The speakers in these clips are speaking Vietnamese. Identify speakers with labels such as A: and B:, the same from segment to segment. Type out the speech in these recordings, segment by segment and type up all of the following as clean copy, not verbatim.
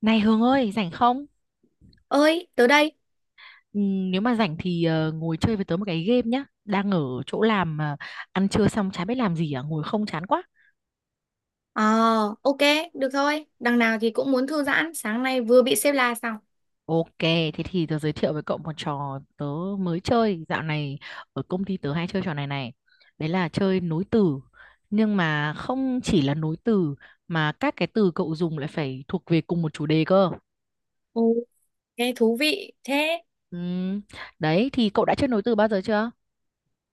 A: Này Hương ơi, rảnh không?
B: Ơi, tớ đây.
A: Ừ, nếu mà rảnh thì ngồi chơi với tớ một cái game nhá. Đang ở chỗ làm mà ăn trưa xong chả biết làm gì à, ngồi không chán quá.
B: Ờ, ok, được thôi. Đằng nào thì cũng muốn thư giãn. Sáng nay vừa bị xếp la xong.
A: Ok, thế thì tớ giới thiệu với cậu một trò tớ mới chơi. Dạo này ở công ty tớ hay chơi trò này này. Đấy là chơi nối từ. Nhưng mà không chỉ là nối từ mà các cái từ cậu dùng lại phải thuộc về cùng một chủ đề cơ.
B: Ồ, thế thú vị. Thế
A: Ừ, đấy thì cậu đã chơi nối từ bao giờ chưa?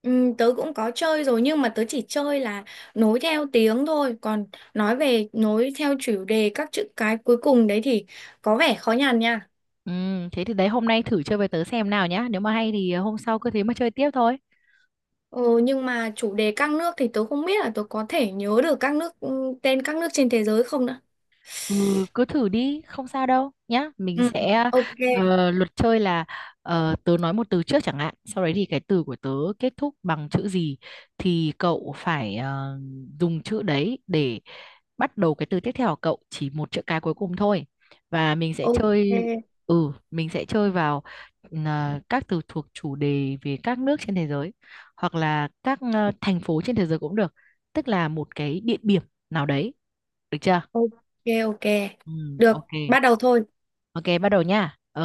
B: ừ, tớ cũng có chơi rồi nhưng mà tớ chỉ chơi là nối theo tiếng thôi. Còn nói về nối theo chủ đề các chữ cái cuối cùng đấy thì có vẻ khó nhằn nha.
A: Ừ, thế thì đấy hôm nay thử chơi với tớ xem nào nhá. Nếu mà hay thì hôm sau cứ thế mà chơi tiếp thôi.
B: Ừ, nhưng mà chủ đề các nước thì tớ không biết là tớ có thể nhớ được các nước tên các nước trên thế giới không nữa.
A: Ừ, cứ thử đi, không sao đâu nhá.
B: Ừ, ok,
A: Luật chơi là tớ nói một từ trước chẳng hạn, sau đấy thì cái từ của tớ kết thúc bằng chữ gì thì cậu phải dùng chữ đấy để bắt đầu cái từ tiếp theo của cậu, chỉ một chữ cái cuối cùng thôi. Và mình sẽ
B: ok,
A: chơi ừ, mình sẽ chơi vào các từ thuộc chủ đề về các nước trên thế giới hoặc là các thành phố trên thế giới cũng được, tức là một cái địa điểm nào đấy, được chưa?
B: ok, ok.
A: Ừ,
B: Được,
A: ok.
B: bắt đầu thôi.
A: Ok, bắt đầu nha. Ờ,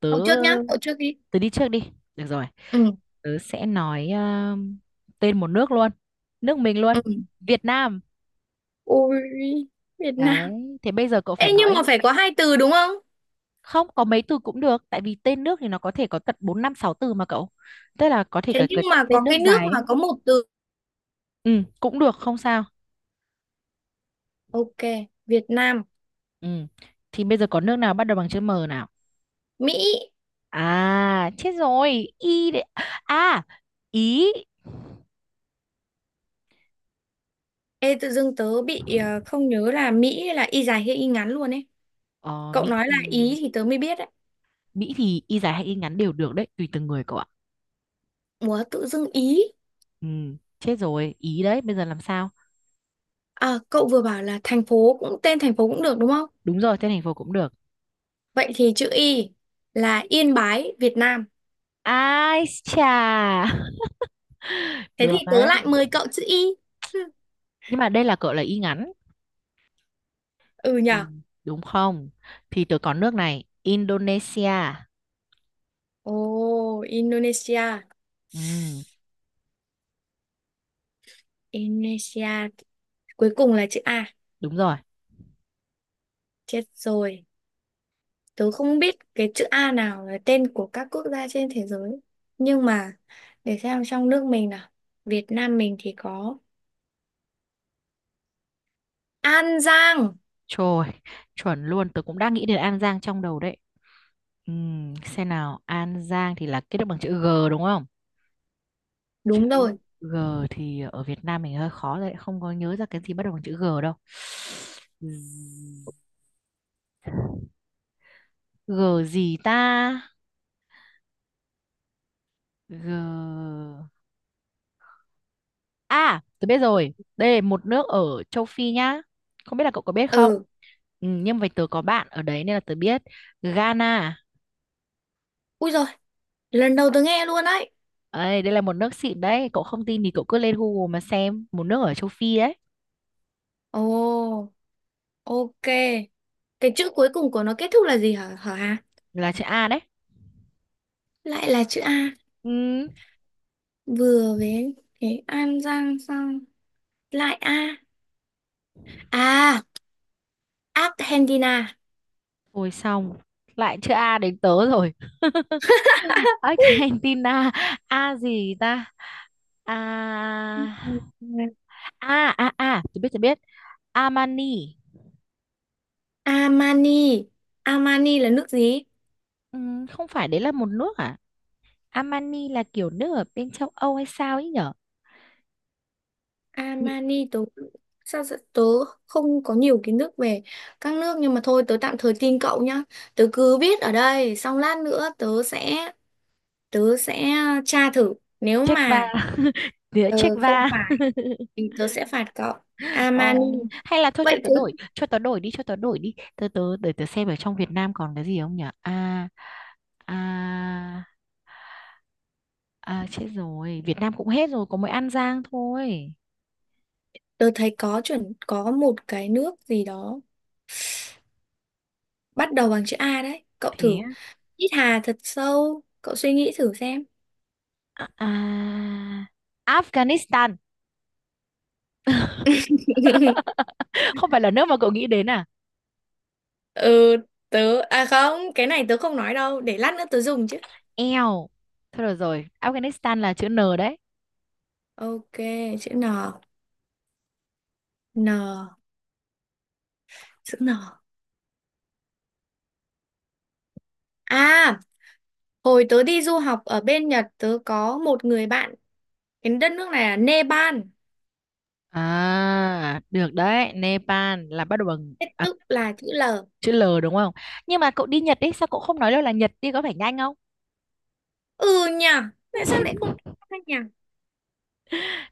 A: tớ
B: Cậu trước nhá, cậu trước đi.
A: tớ đi trước đi. Được rồi.
B: ừ
A: Tớ sẽ nói tên một nước luôn. Nước mình luôn.
B: ừ
A: Việt Nam.
B: Ôi, Việt Nam.
A: Đấy, thế bây giờ cậu phải
B: Ê, nhưng
A: nói
B: mà phải có hai từ đúng không?
A: không có mấy từ cũng được, tại vì tên nước thì nó có thể có tận 4 5 6 từ mà cậu. Tức là có thể
B: Thế
A: cả
B: nhưng
A: cái
B: mà có
A: tên nước
B: cái nước
A: dài
B: mà
A: ấy.
B: có một từ.
A: Ừ, cũng được không sao.
B: Ok, Việt Nam.
A: Ừ. Thì bây giờ có nước nào bắt đầu bằng chữ M nào?
B: Mỹ.
A: À, chết rồi. Y đấy. À, Ý.
B: Ê, tự dưng tớ bị không nhớ là Mỹ là y dài hay y ngắn luôn ấy.
A: Ờ,
B: Cậu
A: Mỹ
B: nói là
A: thì
B: Ý thì tớ mới biết đấy.
A: Mỹ thì y dài hay y ngắn đều được đấy, tùy từng người cậu ạ.
B: Ủa, tự dưng Ý.
A: Ừ, chết rồi, ý đấy, bây giờ làm sao?
B: À, cậu vừa bảo là thành phố cũng tên thành phố cũng được đúng không?
A: Đúng rồi, tên thành phố cũng được.
B: Vậy thì chữ Y là Yên Bái Việt Nam.
A: Ai chà,
B: Thế thì
A: được
B: tớ
A: đấy.
B: lại mời cậu chữ Y.
A: Nhưng mà đây là cậu là y ngắn.
B: Ừ
A: Ừ,
B: nhở.
A: đúng không? Thì tớ có nước này, Indonesia.
B: Ồ, Indonesia.
A: Ừ,
B: Indonesia cuối cùng là chữ A.
A: đúng rồi.
B: Chết rồi, tớ không biết cái chữ A nào là tên của các quốc gia trên thế giới, nhưng mà để xem trong nước mình nào. Việt Nam mình thì có An Giang.
A: Trời, chuẩn luôn, tớ cũng đang nghĩ đến An Giang trong đầu đấy. Ừ, xem nào, An Giang thì là kết thúc bằng chữ G đúng không?
B: Đúng rồi.
A: Chữ G thì ở Việt Nam mình hơi khó đấy, không có nhớ ra cái gì bắt đầu bằng chữ G đâu. G gì ta? G, à tôi biết rồi, đây là một nước ở châu Phi nhá, không biết là cậu có biết không.
B: Ừ.
A: Ừ, nhưng mà tớ có bạn ở đấy nên là tớ biết. Ghana.
B: Ui rồi, lần đầu tớ nghe luôn đấy.
A: Ấy, đây là một nước xịn đấy, cậu không tin thì cậu cứ lên Google mà xem, một nước ở châu Phi đấy.
B: Ồ, ok, cái chữ cuối cùng của nó kết thúc là gì hả, hả Hà?
A: Là chữ A đấy.
B: Lại là chữ A.
A: Ừ.
B: Vừa với cái An Giang xong lại A. À, Argentina.
A: Ôi xong, lại chữ A đến tớ rồi. Argentina, A gì ta? A, A, A, A, tôi biết tôi biết. Armani.
B: Armani. Armani là nước gì?
A: Ừ, không phải đấy là một nước à? Armani là kiểu nước ở bên châu Âu hay sao ấy nhở? Nhị-
B: Armani tớ tớ không có nhiều kiến thức về các nước nhưng mà thôi, tớ tạm thời tin cậu nhá. Tớ cứ viết ở đây xong lát nữa tớ sẽ tra thử. Nếu
A: Czech va.
B: mà
A: Địa Czech
B: không
A: va.
B: phải thì tớ sẽ phạt cậu
A: Ờ,
B: Armani.
A: hay là thôi cho
B: Vậy
A: tớ
B: tớ
A: đổi, cho tớ đổi đi, cho tớ đổi đi, tớ tớ để tớ xem ở trong Việt Nam còn cái gì không nhỉ. À à à chết rồi, Việt Nam cũng hết rồi, có mỗi An Giang thôi.
B: Tớ thấy có chuẩn có một cái nước gì đó bắt đầu bằng chữ A đấy, cậu
A: Thế
B: thử
A: á.
B: hít hà thật sâu, cậu suy nghĩ thử xem.
A: à, à, Afghanistan. Không phải là nước mà cậu nghĩ đến à?
B: Ừ, tớ à không, cái này tớ không nói đâu, để lát nữa tớ dùng chứ.
A: Eo, thôi được rồi, Afghanistan là chữ N đấy.
B: Ok, chữ N. N chữ N À, hồi tớ đi du học ở bên Nhật tớ có một người bạn, cái đất nước này là Nepal.
A: À, được đấy. Nepal là bắt đầu bằng
B: Thế tức là chữ L.
A: chữ L đúng không? Nhưng mà cậu đi Nhật ấy, sao cậu không nói đâu là Nhật đi có phải nhanh không?
B: Ừ nhờ, tại sao lại không ra nhỉ?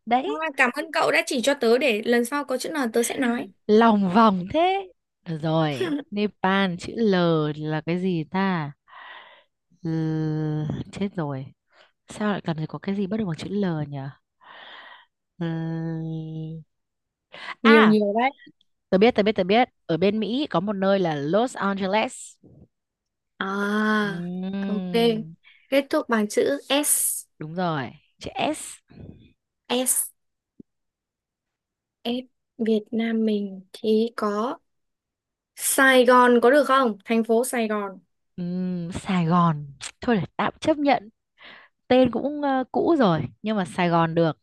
A: Đấy,
B: À, cảm ơn cậu đã chỉ cho tớ, để lần sau có chữ N tớ sẽ nói.
A: lòng vòng thế. Được rồi, Nepal chữ L là cái gì ta? L, chết rồi, sao lại cần phải có cái gì bắt đầu bằng chữ L nhỉ? L.
B: Nhiều
A: À,
B: nhiều đấy.
A: tớ biết, tớ biết, tớ biết, ở bên Mỹ có một nơi là Los Angeles.
B: À, ok,
A: Ừm,
B: kết thúc bằng chữ S.
A: đúng rồi, chữ S.
B: S S Việt Nam mình thì có Sài Gòn, có được không? Thành phố Sài Gòn.
A: Sài Gòn, thôi để tạm chấp nhận, tên cũng cũ rồi, nhưng mà Sài Gòn được.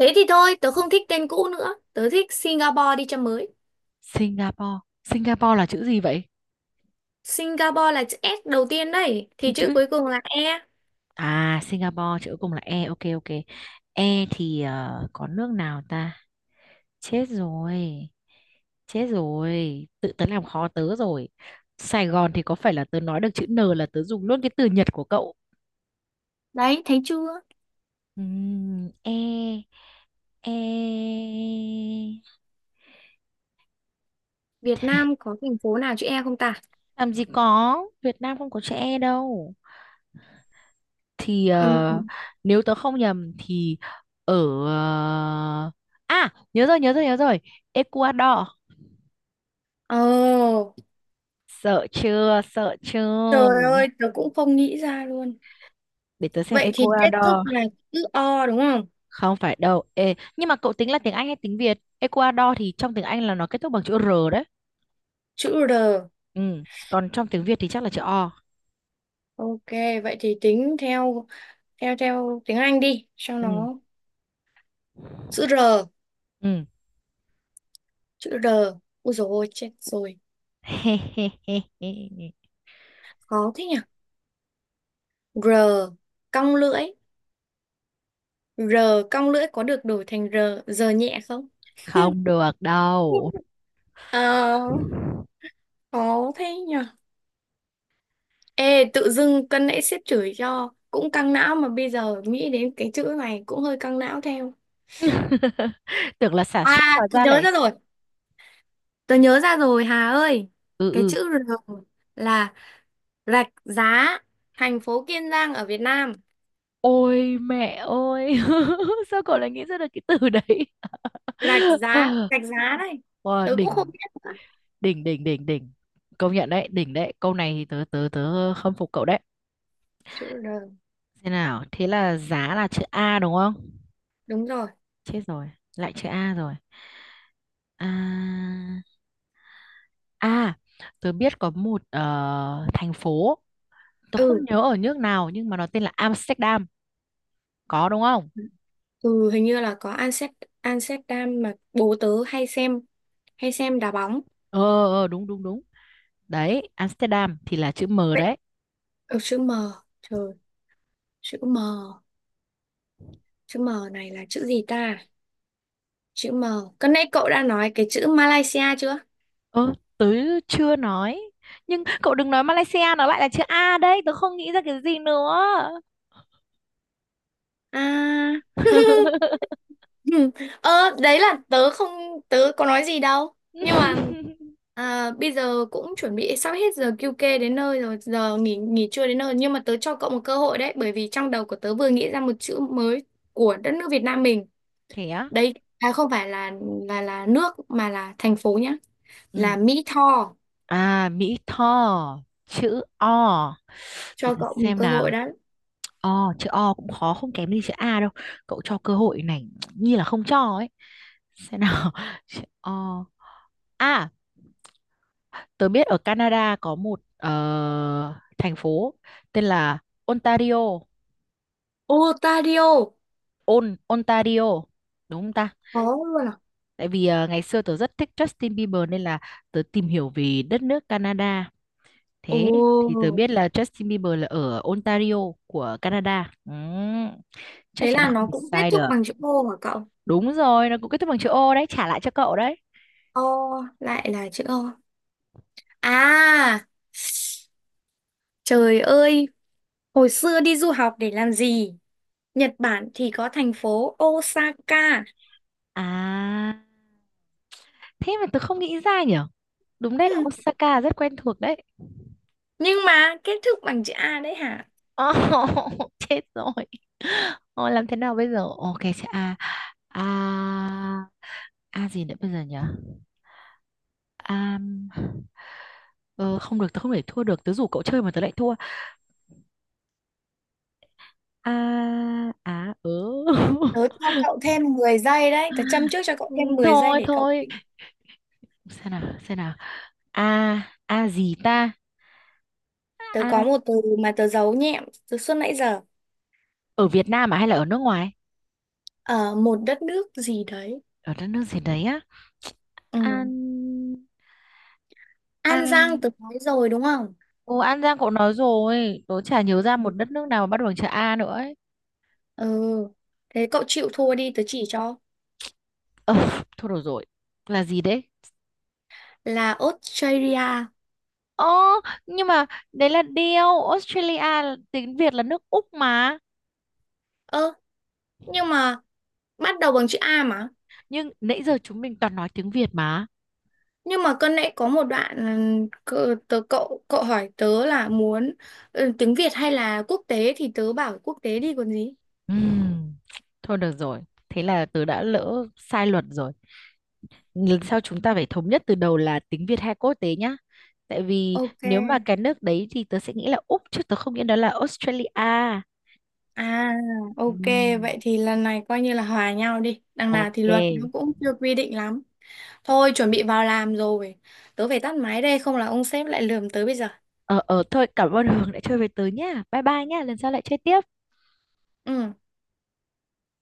B: Thế thì thôi, tớ không thích tên cũ nữa. Tớ thích Singapore đi cho mới.
A: Singapore, Singapore là chữ gì vậy?
B: Singapore là chữ S đầu tiên đấy.
A: Thì
B: Thì chữ
A: chữ
B: cuối cùng là E.
A: À, Singapore chữ cuối cùng là E, ok ok. E thì có nước nào ta? Chết rồi. Chết rồi. Tự tớ làm khó tớ rồi. Sài Gòn thì có phải là tớ nói được chữ N là tớ dùng luôn cái từ Nhật của cậu.
B: Đấy, thấy chưa?
A: E E
B: Việt Nam có thành phố nào chữ E không ta?
A: làm gì có, Việt Nam không có chữ E đâu. Thì
B: Ừ.
A: nếu tớ không nhầm thì ở ờ, à, nhớ rồi, nhớ rồi, nhớ rồi, Ecuador.
B: Ồ,
A: Sợ chưa, sợ chưa.
B: trời ơi, tớ cũng không nghĩ ra luôn.
A: Để tớ xem
B: Vậy thì kết thúc
A: Ecuador.
B: là chữ O đúng không?
A: Không phải đâu. Ê, nhưng mà cậu tính là tiếng Anh hay tiếng Việt? Ecuador thì trong tiếng Anh là nó kết thúc bằng chữ R đấy.
B: Chữ R.
A: Ừ. Còn trong tiếng Việt thì chắc là chữ O.
B: Ok, vậy thì tính theo theo theo tiếng Anh đi cho
A: Ừ.
B: nó chữ R,
A: Ừ.
B: chữ R. Ôi dồi ôi, chết rồi. Khó thế nhỉ? R cong lưỡi, R cong lưỡi có được đổi thành R giờ nhẹ không?
A: Không được đâu.
B: Ờ, khó thế nhở. Ê, tự dưng cân nãy sếp chửi cho cũng căng não mà bây giờ nghĩ đến cái chữ này cũng hơi căng não theo.
A: Tưởng là xả
B: À,
A: stress hóa
B: tôi
A: ra
B: nhớ
A: lại.
B: ra rồi. Tôi nhớ ra rồi Hà ơi.
A: Ừ,
B: Cái
A: ừ.
B: chữ R là rạch giá, thành phố Kiên Giang ở Việt Nam.
A: Ôi mẹ ơi. Sao cậu lại nghĩ ra được cái từ đấy?
B: Rạch giá đây.
A: Wow,
B: Tớ cũng không
A: đỉnh,
B: biết
A: đỉnh, đỉnh, đỉnh, đỉnh. Công nhận đấy, đỉnh đấy. Câu này thì tớ tớ tớ khâm phục cậu đấy.
B: chữ R.
A: Thế nào, thế là giá là chữ A đúng không?
B: Đúng rồi.
A: Chết rồi, lại chữ A rồi. à à Tớ biết có một thành phố, tớ không
B: Ừ.
A: nhớ ở nước nào nhưng mà nó tên là Amsterdam. Có đúng không?
B: Ừ, hình như là có Amsterdam, Amsterdam mà bố tớ hay xem, hay xem đá bóng.
A: ờ Đúng, đúng, đúng. Đấy, Amsterdam thì là chữ M
B: Vậy
A: đấy.
B: ừ, chữ M. Trời, chữ M. Chữ M này là chữ gì ta? Chữ M. Cái nãy cậu đã nói cái chữ Malaysia chưa?
A: Ơ, tớ chưa nói, nhưng cậu đừng nói Malaysia, nó lại là chữ A đấy, tớ không nghĩ ra cái gì nữa.
B: À. Ờ, đấy là tớ không, tớ có nói gì đâu. Nhưng mà à, bây giờ cũng chuẩn bị sắp hết giờ QK đến nơi rồi, giờ nghỉ nghỉ trưa đến nơi. Nhưng mà tớ cho cậu một cơ hội đấy, bởi vì trong đầu của tớ vừa nghĩ ra một chữ mới của đất nước Việt Nam mình.
A: Thế á?
B: Đây à, không phải là là nước mà là thành phố nhá. Là
A: Ừ.
B: Mỹ Tho,
A: À, Mỹ Tho, chữ O. Để
B: cho
A: ta
B: cậu một
A: xem
B: cơ
A: nào.
B: hội đó.
A: O, chữ O cũng khó không kém gì chữ A đâu. Cậu cho cơ hội này như là không cho ấy. Xem nào, chữ O. À, tớ biết ở Canada có một thành phố tên là Ontario.
B: Ontario.
A: Ontario đúng không ta?
B: Có luôn à?
A: Tại vì ngày xưa tớ rất thích Justin Bieber nên là tớ tìm hiểu về đất nước Canada.
B: Ồ,
A: Thế thì tớ biết là Justin Bieber là ở Ontario của Canada. Ừ, chắc
B: thế
A: chắn nó
B: là
A: không
B: nó
A: bị
B: cũng kết
A: sai
B: thúc
A: được.
B: bằng chữ O hả cậu?
A: Đúng rồi, nó cũng kết thúc bằng chữ O đấy, trả lại cho cậu đấy.
B: O, lại là chữ O. À, trời ơi, hồi xưa đi du học để làm gì? Nhật Bản thì có thành phố Osaka.
A: À, thế mà tớ không nghĩ ra nhở. Đúng đấy,
B: Ừ,
A: Osaka rất quen thuộc đấy.
B: nhưng mà kết thúc bằng chữ A đấy hả?
A: Ồ, chết rồi. Ồ, làm thế nào bây giờ? Ok, sẽ a, a, a gì nữa bây giờ nhở? À, ờ, không được, tớ không thể thua được. Tớ rủ cậu chơi mà tớ lại thua. à à ừ
B: Tớ cho cậu thêm 10 giây đấy, tớ châm trước cho cậu thêm 10 giây
A: Thôi,
B: để cậu...
A: thôi, xem nào, xem nào, a, a gì ta?
B: Tớ có
A: A.
B: một từ mà tớ giấu nhẹm từ suốt nãy giờ.
A: Ở Việt Nam à, hay là ở nước ngoài?
B: Ở một đất nước gì đấy.
A: Ở đất nước gì đấy á?
B: Ừ.
A: An,
B: An
A: a.
B: Giang tớ nói rồi đúng không?
A: Ồ, An Giang cậu nói rồi, tớ chả nhớ ra
B: Ừ.
A: một đất nước nào mà bắt đầu bằng chữ A nữa ấy.
B: Ừ. Thế cậu chịu thua đi, tớ chỉ cho.
A: ờ Thôi được rồi, là gì đấy?
B: Là Australia.
A: Ồ, nhưng mà đấy là điều Australia tiếng Việt là nước Úc mà.
B: Ơ, nhưng mà bắt đầu bằng chữ A mà.
A: Nhưng nãy giờ chúng mình toàn nói tiếng Việt mà.
B: Nhưng mà cân nãy có một đoạn ừ, cậu hỏi tớ là muốn ừ, tiếng Việt hay là quốc tế thì tớ bảo quốc tế đi còn gì.
A: Ừm, Thôi được rồi. Thế là tớ đã lỡ sai luật rồi. Lần sau chúng ta phải thống nhất từ đầu là tiếng Việt hay quốc tế nhá. Tại vì
B: Ok.
A: nếu mà cái nước đấy thì tớ sẽ nghĩ là Úc chứ tớ không nghĩ đó là Australia.
B: À, ok,
A: Ừm.
B: vậy thì lần này coi như là hòa nhau đi. Đằng nào thì luật nó
A: Ok.
B: cũng chưa quy định lắm. Thôi, chuẩn bị vào làm rồi. Tớ phải tắt máy đây, không là ông sếp lại lườm tớ bây giờ.
A: Ờ thôi cảm ơn Hường đã chơi với tớ nhá. Bye bye nhá. Lần sau lại chơi tiếp.
B: Ừ.